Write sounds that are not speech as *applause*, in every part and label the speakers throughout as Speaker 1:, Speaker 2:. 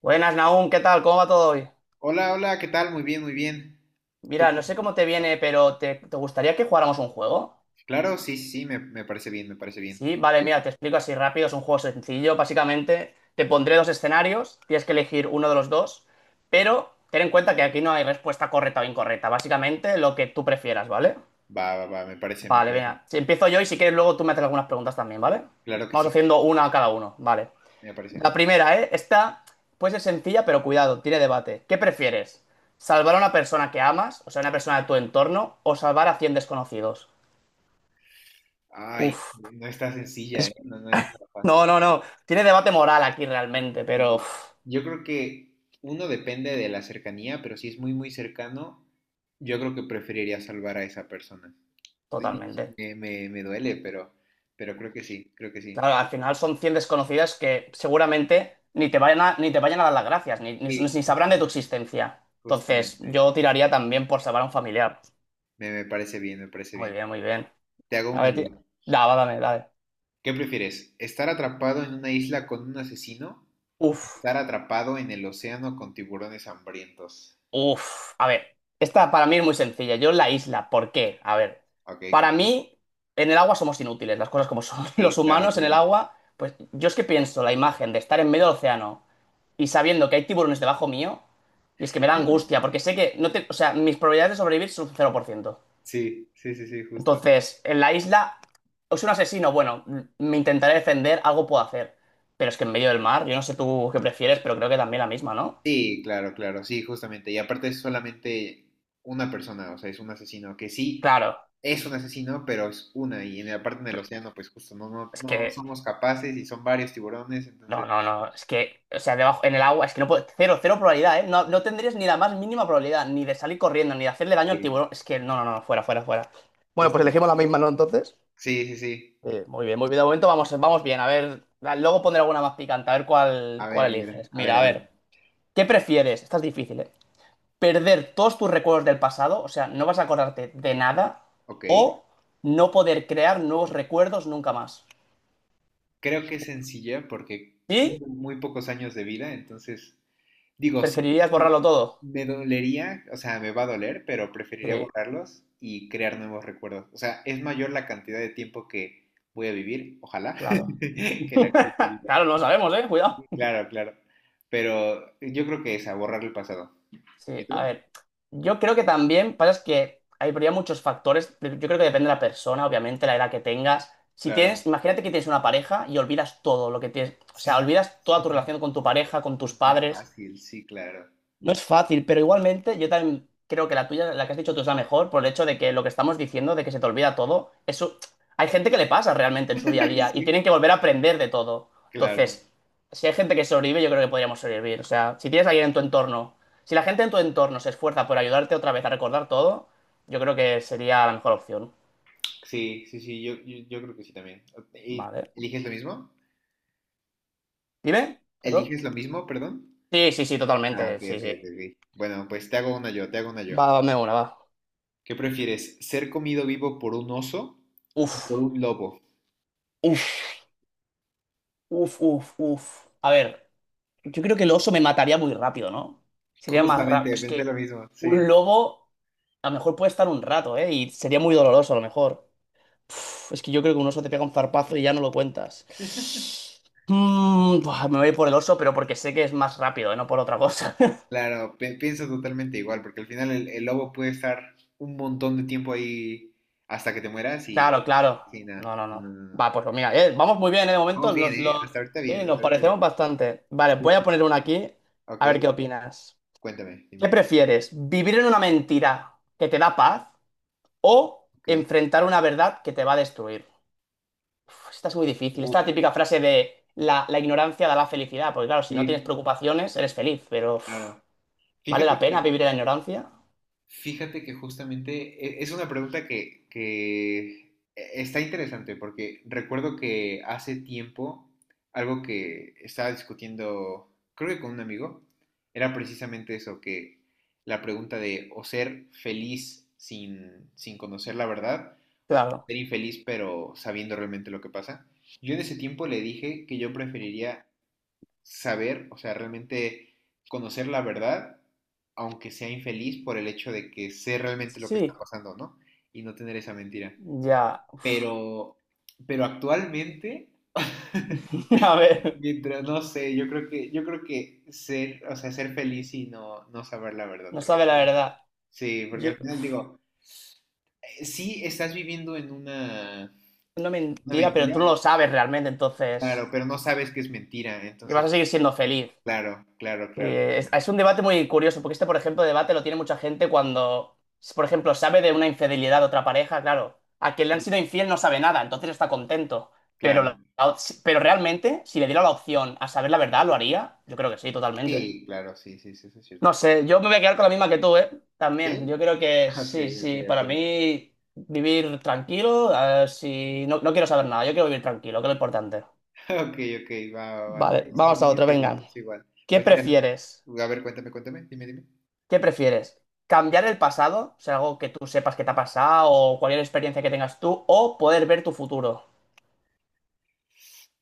Speaker 1: Buenas, Nahum, ¿qué tal? ¿Cómo va todo hoy?
Speaker 2: Hola, hola, ¿qué tal? Muy bien, muy bien. ¿Tú
Speaker 1: Mira, no sé
Speaker 2: cómo?
Speaker 1: cómo te viene, pero ¿te gustaría que jugáramos un juego?
Speaker 2: Claro, sí, sí, sí, me parece bien, me parece bien.
Speaker 1: Sí, vale, mira, te explico así rápido, es un juego sencillo, básicamente te pondré dos escenarios, tienes que elegir uno de los dos, pero ten en cuenta que aquí no hay respuesta correcta o incorrecta, básicamente lo que tú prefieras, ¿vale?
Speaker 2: Va, va, va, me parece, me
Speaker 1: Vale,
Speaker 2: parece.
Speaker 1: venga, si empiezo yo y si quieres luego tú me haces algunas preguntas también, ¿vale?
Speaker 2: Claro que
Speaker 1: Vamos
Speaker 2: sí,
Speaker 1: haciendo una a cada uno, vale.
Speaker 2: me parece.
Speaker 1: La primera, ¿eh? Esta puede ser sencilla, pero cuidado, tiene debate. ¿Qué prefieres? ¿Salvar a una persona que amas, o sea, una persona de tu entorno, o salvar a 100 desconocidos?
Speaker 2: Ay,
Speaker 1: Uf.
Speaker 2: no está sencilla, ¿eh?
Speaker 1: es-
Speaker 2: No, no es nada fácil.
Speaker 1: No, no, no. Tiene debate moral aquí realmente, pero uf,
Speaker 2: Y yo creo que uno depende de la cercanía, pero si es muy, muy cercano, yo creo que preferiría salvar a esa persona. Y
Speaker 1: totalmente.
Speaker 2: Me duele, pero creo que sí, creo que sí.
Speaker 1: Claro, al final son 100 desconocidas que seguramente ni te vayan a dar las gracias,
Speaker 2: Sí,
Speaker 1: ni sabrán de tu
Speaker 2: justamente,
Speaker 1: existencia. Entonces,
Speaker 2: justamente.
Speaker 1: yo tiraría también por salvar a un familiar.
Speaker 2: Me parece bien, me parece
Speaker 1: Muy
Speaker 2: bien.
Speaker 1: bien, muy bien.
Speaker 2: Te hago
Speaker 1: A
Speaker 2: una
Speaker 1: ver,
Speaker 2: yo.
Speaker 1: da, va, dame, dale.
Speaker 2: ¿Qué prefieres? ¿Estar atrapado en una isla con un asesino?
Speaker 1: Uf.
Speaker 2: ¿Estar atrapado en el océano con tiburones hambrientos?
Speaker 1: Uf, a ver, esta para mí es muy sencilla. Yo la isla, ¿por qué? A ver,
Speaker 2: Ok,
Speaker 1: para
Speaker 2: cuéntame.
Speaker 1: mí en el agua somos inútiles, las cosas como son. *laughs*
Speaker 2: Sí,
Speaker 1: Los
Speaker 2: claro,
Speaker 1: humanos en el
Speaker 2: claro.
Speaker 1: agua, pues yo es que pienso la imagen de estar en medio del océano y sabiendo que hay tiburones debajo mío, y es que me da angustia, porque sé que no te, o sea, mis probabilidades de sobrevivir son 0%.
Speaker 2: Sí, sí, sí, sí, justo.
Speaker 1: Entonces, en la isla, es un asesino, bueno, me intentaré defender, algo puedo hacer. Pero es que en medio del mar, yo no sé tú qué prefieres, pero creo que también la misma, ¿no?
Speaker 2: Sí, claro, claro, sí, justamente. Y aparte es solamente una persona, o sea, es un asesino que sí
Speaker 1: Claro.
Speaker 2: es un asesino, pero es una. Y en la parte del océano, pues justo no, no,
Speaker 1: es
Speaker 2: no
Speaker 1: que
Speaker 2: somos capaces y son varios tiburones,
Speaker 1: No,
Speaker 2: entonces,
Speaker 1: no, no. Es que, o sea, debajo, en el agua, es que no puedo. Cero, cero probabilidad, ¿eh? No, no tendrías ni la más mínima probabilidad, ni de salir corriendo, ni de hacerle daño al
Speaker 2: sí,
Speaker 1: tiburón. Es que, no, no, no, no, fuera, fuera, fuera. Bueno, pues
Speaker 2: justo.
Speaker 1: elegimos la misma, ¿no? Entonces.
Speaker 2: Sí, sí, sí.
Speaker 1: Muy bien, muy bien. De momento vamos bien. A ver, luego pondré alguna más picante, a ver cuál,
Speaker 2: A ver,
Speaker 1: cuál
Speaker 2: a ver,
Speaker 1: eliges.
Speaker 2: a ver,
Speaker 1: Mira,
Speaker 2: a
Speaker 1: a
Speaker 2: ver.
Speaker 1: ver, ¿qué prefieres? Esta es difícil, ¿eh? ¿Perder todos tus recuerdos del pasado? O sea, no vas a acordarte de nada.
Speaker 2: Ok.
Speaker 1: ¿O no poder crear nuevos recuerdos nunca más?
Speaker 2: Creo que es sencilla porque
Speaker 1: ¿Y
Speaker 2: tengo muy pocos años de vida, entonces digo, sí,
Speaker 1: preferirías borrarlo todo?
Speaker 2: me dolería, o sea, me va a doler, pero preferiría
Speaker 1: Sí,
Speaker 2: borrarlos y crear nuevos recuerdos. O sea, es mayor la cantidad de tiempo que voy a vivir, ojalá,
Speaker 1: claro.
Speaker 2: *laughs* que la que he
Speaker 1: *laughs*
Speaker 2: vivido.
Speaker 1: Claro, no lo sabemos, ¿eh? Cuidado.
Speaker 2: Claro, claro. Pero yo creo que es a borrar el pasado. ¿Y
Speaker 1: Sí,
Speaker 2: tú?
Speaker 1: a ver. Yo creo que también pasa es que habría muchos factores. Yo creo que depende de la persona, obviamente, la edad que tengas. Si
Speaker 2: Claro.
Speaker 1: tienes, imagínate que tienes una pareja y olvidas todo lo que tienes. O sea,
Speaker 2: Sí,
Speaker 1: olvidas toda
Speaker 2: sí,
Speaker 1: tu relación con tu pareja, con tus
Speaker 2: no es
Speaker 1: padres.
Speaker 2: fácil, sí, claro.
Speaker 1: No es fácil, pero igualmente yo también creo que la tuya, la que has dicho tú, es la mejor por el hecho de que lo que estamos diciendo, de que se te olvida todo, eso hay gente que le pasa realmente en su día a
Speaker 2: *laughs*
Speaker 1: día y
Speaker 2: Sí,
Speaker 1: tienen que volver a aprender de todo.
Speaker 2: claro.
Speaker 1: Entonces, si hay gente que sobrevive, yo creo que podríamos sobrevivir. O sea, si tienes a alguien en tu entorno, si la gente en tu entorno se esfuerza por ayudarte otra vez a recordar todo, yo creo que sería la mejor opción.
Speaker 2: Sí, sí, sí, yo creo que sí también. ¿Y
Speaker 1: Vale.
Speaker 2: eliges lo mismo?
Speaker 1: ¿Dime? ¿Perdón?
Speaker 2: ¿Eliges lo mismo, perdón?
Speaker 1: Sí, sí, sí,
Speaker 2: Ah,
Speaker 1: totalmente.
Speaker 2: ok,
Speaker 1: Sí,
Speaker 2: ok,
Speaker 1: sí.
Speaker 2: ok. Ok. Bueno, pues te hago una yo, te hago una yo.
Speaker 1: Va, dame una, va.
Speaker 2: ¿Qué prefieres? ¿Ser comido vivo por un oso o
Speaker 1: Uf,
Speaker 2: por un lobo?
Speaker 1: uf, uf, uf, uf. A ver. Yo creo que el oso me mataría muy rápido, ¿no? Sería más rápido.
Speaker 2: Justamente,
Speaker 1: Es
Speaker 2: pensé lo
Speaker 1: que
Speaker 2: mismo, sí.
Speaker 1: un lobo a lo mejor puede estar un rato, ¿eh? Y sería muy doloroso a lo mejor. Uf, es que yo creo que un oso te pega un zarpazo y ya no lo cuentas. Buah, me voy por el oso, pero porque sé que es más rápido, ¿eh? No por otra cosa. *laughs*
Speaker 2: Claro, pienso totalmente igual, porque al final el lobo puede estar un montón de tiempo ahí hasta que te mueras y,
Speaker 1: Claro, claro.
Speaker 2: y nada.
Speaker 1: No, no, no.
Speaker 2: Mm,
Speaker 1: Va, pues mira, vamos muy bien, ¿eh? De momento
Speaker 2: Vamos bien,
Speaker 1: nos
Speaker 2: ¿eh?
Speaker 1: lo...
Speaker 2: Hasta ahorita
Speaker 1: Sí,
Speaker 2: bien, hasta
Speaker 1: nos
Speaker 2: ahorita bien.
Speaker 1: parecemos bastante. Vale,
Speaker 2: Sí.
Speaker 1: voy a
Speaker 2: Sí.
Speaker 1: poner una aquí. A ver qué
Speaker 2: Ok,
Speaker 1: opinas.
Speaker 2: cuéntame, dime,
Speaker 1: ¿Qué
Speaker 2: dime.
Speaker 1: prefieres? ¿Vivir en una mentira que te da paz? ¿O
Speaker 2: Ok.
Speaker 1: enfrentar una verdad que te va a destruir? Uf, esta es muy difícil. Esta es la
Speaker 2: Uf,
Speaker 1: típica frase de la ignorancia da la felicidad, porque claro, si no tienes
Speaker 2: sí,
Speaker 1: preocupaciones, eres feliz, pero uf,
Speaker 2: claro.
Speaker 1: ¿vale la
Speaker 2: Fíjate
Speaker 1: pena
Speaker 2: que
Speaker 1: vivir en la ignorancia?
Speaker 2: Fíjate que justamente es una pregunta que está interesante porque recuerdo que hace tiempo algo que estaba discutiendo, creo que con un amigo, era precisamente eso, que la pregunta de o ser feliz sin conocer la verdad,
Speaker 1: Claro.
Speaker 2: ser infeliz pero sabiendo realmente lo que pasa. Yo en ese tiempo le dije que yo preferiría saber, o sea, realmente conocer la verdad, aunque sea infeliz por el hecho de que sé realmente lo que está
Speaker 1: Sí,
Speaker 2: pasando, ¿no? Y no tener esa mentira.
Speaker 1: ya.
Speaker 2: Pero, pero actualmente,
Speaker 1: *laughs* A
Speaker 2: *laughs*
Speaker 1: ver,
Speaker 2: mientras, no sé, yo creo que ser, o sea, ser feliz y no saber la verdad,
Speaker 1: no sabe la verdad.
Speaker 2: sí, porque
Speaker 1: Yo,
Speaker 2: al final
Speaker 1: uf,
Speaker 2: digo, sí estás viviendo en una,
Speaker 1: no
Speaker 2: una
Speaker 1: mentira, pero tú no
Speaker 2: mentira,
Speaker 1: lo sabes realmente, entonces...
Speaker 2: claro, pero no sabes que es mentira,
Speaker 1: Y vas
Speaker 2: entonces,
Speaker 1: a seguir siendo feliz.
Speaker 2: claro, claro, claro,
Speaker 1: Eh, es,
Speaker 2: claro.
Speaker 1: es un debate muy curioso, porque este, por ejemplo, debate lo tiene mucha gente cuando, por ejemplo, sabe de una infidelidad de otra pareja, claro, a quien le han sido infiel no sabe nada, entonces está contento. Pero, la-
Speaker 2: Claro.
Speaker 1: la op- si- pero realmente, si le diera la opción a saber la verdad, ¿lo haría? Yo creo que sí, totalmente.
Speaker 2: Sí, claro, sí, sí, sí, eso es
Speaker 1: No
Speaker 2: cierto.
Speaker 1: sé, yo me voy a quedar con la misma que tú, ¿eh? También, yo
Speaker 2: ¿Sí?
Speaker 1: creo que
Speaker 2: Ok,
Speaker 1: sí,
Speaker 2: ok,
Speaker 1: sí, para
Speaker 2: ok.
Speaker 1: mí vivir tranquilo, si no, no quiero saber nada, yo quiero vivir tranquilo, que es lo importante.
Speaker 2: *laughs* Ok, ok, va, va, va.
Speaker 1: Vale,
Speaker 2: Sí, sí,
Speaker 1: vamos a
Speaker 2: sí, es
Speaker 1: otro,
Speaker 2: igual,
Speaker 1: venga.
Speaker 2: es igual.
Speaker 1: ¿Qué
Speaker 2: Pues mira,
Speaker 1: prefieres?
Speaker 2: a ver, cuéntame, cuéntame, dime, dime.
Speaker 1: ¿Qué prefieres? ¿Cambiar el pasado? O sea, algo que tú sepas que te ha pasado o cualquier experiencia que tengas tú, o poder ver tu futuro.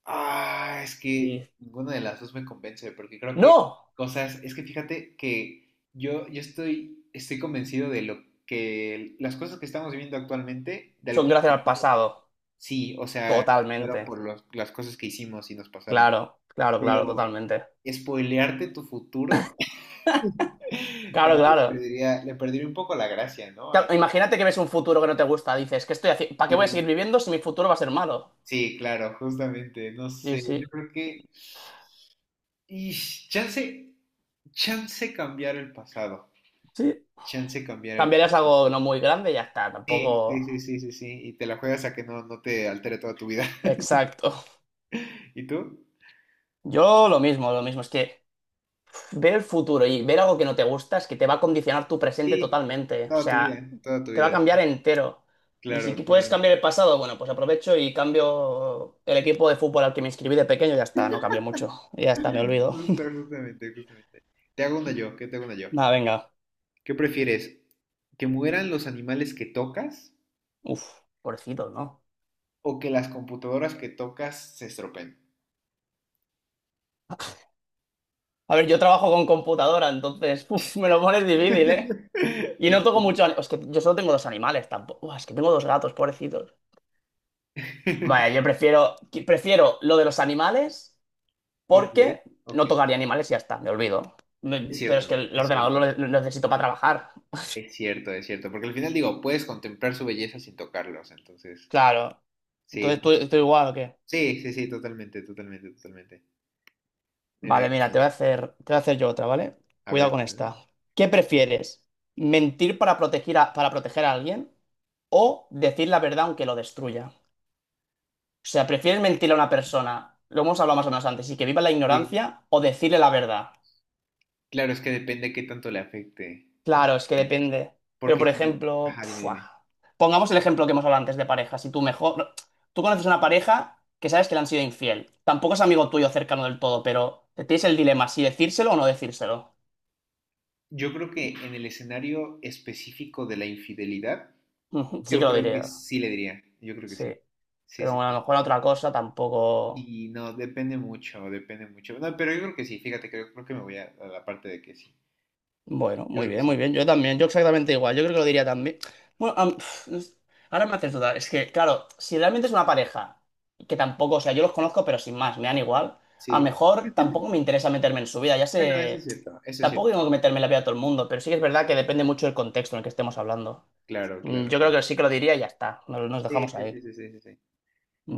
Speaker 2: Ah, es que
Speaker 1: Y
Speaker 2: ninguna de las dos me convence, porque creo que
Speaker 1: no,
Speaker 2: cosas, es que fíjate que yo estoy convencido de lo que las cosas que estamos viviendo actualmente, de
Speaker 1: son
Speaker 2: alguna
Speaker 1: gracias al
Speaker 2: forma,
Speaker 1: pasado.
Speaker 2: sí, o sea, fueron
Speaker 1: Totalmente.
Speaker 2: por las cosas que hicimos y nos pasaron.
Speaker 1: Claro, claro, claro,
Speaker 2: Pero
Speaker 1: totalmente.
Speaker 2: spoilearte tu futuro. *laughs*
Speaker 1: Claro,
Speaker 2: También le
Speaker 1: claro.
Speaker 2: perdería, le perdería un poco la gracia, ¿no?
Speaker 1: Claro, imagínate que ves un futuro que no te gusta. Dices, ¿qué estoy haciendo? ¿Para qué
Speaker 2: Sí,
Speaker 1: voy a seguir viviendo si mi futuro va a ser malo?
Speaker 2: sí, claro, justamente, no
Speaker 1: Y
Speaker 2: sé, yo
Speaker 1: sí,
Speaker 2: creo que... Y chance, chance cambiar el pasado,
Speaker 1: sí.
Speaker 2: chance cambiar el
Speaker 1: Cambiarías
Speaker 2: pasado.
Speaker 1: algo no muy grande y ya está.
Speaker 2: Sí, sí, sí,
Speaker 1: Tampoco.
Speaker 2: sí, sí, sí, y te la juegas a que no te altere toda tu vida.
Speaker 1: Exacto.
Speaker 2: *laughs* ¿Y tú?
Speaker 1: Yo lo mismo, lo mismo. Es que ver el futuro y ver algo que no te gusta es que te va a condicionar tu presente
Speaker 2: Sí,
Speaker 1: totalmente. O
Speaker 2: toda tu vida,
Speaker 1: sea,
Speaker 2: ¿eh? Toda tu
Speaker 1: te va a
Speaker 2: vida.
Speaker 1: cambiar entero. Y si
Speaker 2: Claro,
Speaker 1: puedes
Speaker 2: claro.
Speaker 1: cambiar el pasado, bueno, pues aprovecho y cambio el equipo de fútbol al que me inscribí de pequeño. Ya está, no cambio mucho. Ya está, me olvido.
Speaker 2: Justamente, justamente. Te hago una yo, ¿qué te hago una yo?
Speaker 1: *laughs* Nada, venga.
Speaker 2: ¿Qué prefieres? ¿Que mueran los animales que tocas?
Speaker 1: Uf, pobrecito, ¿no?
Speaker 2: O que las computadoras que tocas se estropeen.
Speaker 1: A ver, yo trabajo con computadora, entonces, *laughs* uf, me lo pones difícil, ¿eh?
Speaker 2: *laughs*
Speaker 1: Y no
Speaker 2: Ok,
Speaker 1: toco mucho. Es que yo solo tengo dos animales tampoco. Uf, es que tengo dos gatos, pobrecitos. Vaya, yo
Speaker 2: *laughs*
Speaker 1: prefiero lo de los animales,
Speaker 2: ok,
Speaker 1: porque
Speaker 2: ok.
Speaker 1: no tocaría animales y ya está, me olvido.
Speaker 2: Es
Speaker 1: Pero
Speaker 2: cierto,
Speaker 1: es que
Speaker 2: ¿no?
Speaker 1: el
Speaker 2: Es
Speaker 1: ordenador
Speaker 2: cierto.
Speaker 1: lo necesito para trabajar.
Speaker 2: Es cierto, es cierto. Porque al final digo, puedes contemplar su belleza sin tocarlos. Entonces,
Speaker 1: Claro.
Speaker 2: sí,
Speaker 1: Entonces, ¿tú, estoy igual o qué?
Speaker 2: sí, sí, sí, totalmente, totalmente, totalmente. Me
Speaker 1: Vale, mira, te
Speaker 2: gusta.
Speaker 1: voy a hacer, te voy a hacer yo otra, ¿vale?
Speaker 2: A
Speaker 1: Cuidado
Speaker 2: ver,
Speaker 1: con
Speaker 2: perdón.
Speaker 1: esta. ¿Qué prefieres? ¿Mentir para para proteger a alguien o decir la verdad aunque lo destruya? O sea, ¿prefieres mentir a una persona, lo hemos hablado más o menos antes, y que viva la
Speaker 2: Sí.
Speaker 1: ignorancia o decirle la verdad?
Speaker 2: Claro, es que depende qué tanto le afecte.
Speaker 1: Claro, es que depende. Pero,
Speaker 2: Porque
Speaker 1: por
Speaker 2: sí,
Speaker 1: ejemplo,
Speaker 2: ajá, dime,
Speaker 1: pfua,
Speaker 2: dime.
Speaker 1: pongamos el ejemplo que hemos hablado antes de parejas. Si tú mejor, no, tú conoces una pareja que sabes que le han sido infiel. Tampoco es amigo tuyo cercano del todo, pero tienes el dilema si decírselo o no decírselo.
Speaker 2: Yo creo que en el escenario específico de la infidelidad,
Speaker 1: *laughs* Ujú, sí que
Speaker 2: yo
Speaker 1: lo
Speaker 2: creo que
Speaker 1: diría.
Speaker 2: sí le diría. Yo creo que
Speaker 1: Sí.
Speaker 2: sí. Sí,
Speaker 1: Pero
Speaker 2: sí,
Speaker 1: bueno, a lo
Speaker 2: sí.
Speaker 1: mejor otra cosa tampoco.
Speaker 2: Y no, depende mucho, depende mucho. No, pero yo creo que sí, fíjate que yo creo que me voy a la parte de que sí.
Speaker 1: Bueno,
Speaker 2: Yo
Speaker 1: muy
Speaker 2: creo que
Speaker 1: bien,
Speaker 2: sí.
Speaker 1: muy bien. Yo también, yo exactamente igual. Yo creo que lo diría también. Bueno, pf, no sé. Ahora me haces dudar. Es que, claro, si realmente es una pareja, que tampoco, o sea, yo los conozco, pero sin más, me dan igual. A lo
Speaker 2: Sí.
Speaker 1: mejor tampoco me interesa meterme en su vida. Ya
Speaker 2: Bueno, eso es
Speaker 1: sé,
Speaker 2: cierto, eso es
Speaker 1: tampoco
Speaker 2: cierto.
Speaker 1: tengo que meterme en la vida de todo el mundo, pero sí que es verdad que depende mucho del contexto en el que estemos hablando.
Speaker 2: Claro, claro,
Speaker 1: Yo creo
Speaker 2: claro.
Speaker 1: que sí que lo diría y ya está. Nos
Speaker 2: Sí,
Speaker 1: dejamos
Speaker 2: sí, sí,
Speaker 1: ahí.
Speaker 2: sí, sí, sí, sí.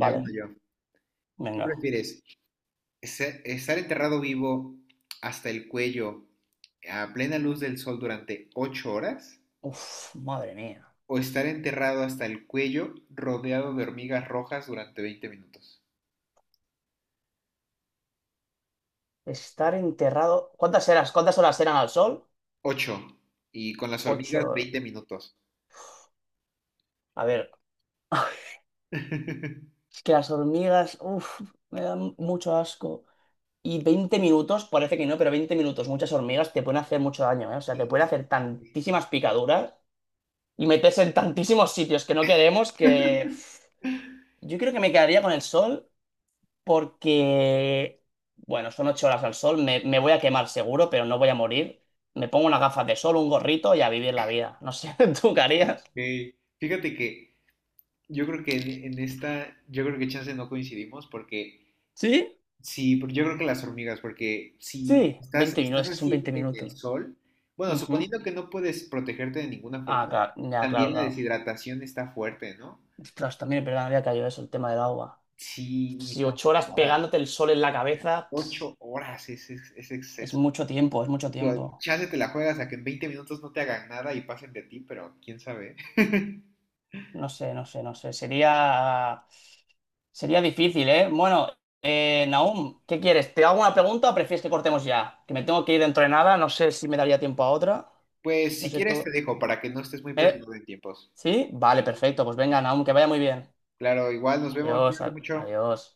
Speaker 2: Ya vino yo. ¿Qué
Speaker 1: venga.
Speaker 2: prefieres? ¿Estar enterrado vivo hasta el cuello a plena luz del sol durante 8 horas?
Speaker 1: Uf, madre mía.
Speaker 2: ¿O estar enterrado hasta el cuello rodeado de hormigas rojas durante 20 minutos?
Speaker 1: Estar enterrado. ¿Cuántas eras? ¿Cuántas horas eran al sol?
Speaker 2: Ocho. Y con las hormigas
Speaker 1: Ocho.
Speaker 2: 20 minutos.
Speaker 1: A ver. *laughs*
Speaker 2: *laughs*
Speaker 1: Es que las hormigas, uff, me dan mucho asco. Y 20 minutos, parece que no, pero 20 minutos, muchas hormigas te pueden hacer mucho daño, ¿eh? O sea,
Speaker 2: Sí,
Speaker 1: te pueden
Speaker 2: sí,
Speaker 1: hacer
Speaker 2: sí, sí, sí.
Speaker 1: tantísimas picaduras y meterse en tantísimos sitios que no queremos que...
Speaker 2: *laughs*
Speaker 1: Yo creo que me quedaría con el sol porque, bueno, son 8 horas al sol, me voy a quemar seguro, pero no voy a morir. Me pongo unas gafas de sol, un gorrito y a vivir la vida. No sé, *laughs* ¿tú qué harías?
Speaker 2: Ey, fíjate que yo creo que en, esta, yo creo que chance no coincidimos porque
Speaker 1: ¿Sí?
Speaker 2: sí, porque yo creo que las hormigas, porque si
Speaker 1: Sí,
Speaker 2: estás,
Speaker 1: 20
Speaker 2: estás
Speaker 1: minutos, es que son
Speaker 2: así
Speaker 1: 20
Speaker 2: en el
Speaker 1: minutos.
Speaker 2: sol, bueno,
Speaker 1: Ujú.
Speaker 2: suponiendo que no puedes protegerte de ninguna
Speaker 1: Ah,
Speaker 2: forma,
Speaker 1: claro, ya, claro,
Speaker 2: también la
Speaker 1: claro.
Speaker 2: deshidratación está fuerte, ¿no?
Speaker 1: Ostras, también es verdad, me había caído eso, el tema del agua.
Speaker 2: Sí, y
Speaker 1: Si
Speaker 2: son
Speaker 1: 8 horas
Speaker 2: 8 horas,
Speaker 1: pegándote el sol en la cabeza, pf,
Speaker 2: 8 horas es, es
Speaker 1: es
Speaker 2: exceso.
Speaker 1: mucho tiempo, es mucho
Speaker 2: Digo,
Speaker 1: tiempo.
Speaker 2: chance te la juegas a que en 20 minutos no te hagan nada y pasen de ti, pero quién sabe. *laughs*
Speaker 1: No sé, no sé, no sé. Sería difícil, ¿eh? Bueno, Nahum, ¿qué quieres? ¿Te hago una pregunta o prefieres que cortemos ya? Que me tengo que ir dentro de nada, no sé si me daría tiempo a otra.
Speaker 2: Pues
Speaker 1: No
Speaker 2: si
Speaker 1: sé
Speaker 2: quieres te
Speaker 1: tú.
Speaker 2: dejo para que no estés muy
Speaker 1: ¿Eh?
Speaker 2: presionado en tiempos.
Speaker 1: ¿Sí? Vale,
Speaker 2: Sí, sí,
Speaker 1: perfecto.
Speaker 2: sí.
Speaker 1: Pues venga,
Speaker 2: Sí.
Speaker 1: Nahum, que vaya muy bien.
Speaker 2: Claro, igual nos vemos,
Speaker 1: Adiós,
Speaker 2: cuídate mucho.
Speaker 1: adiós.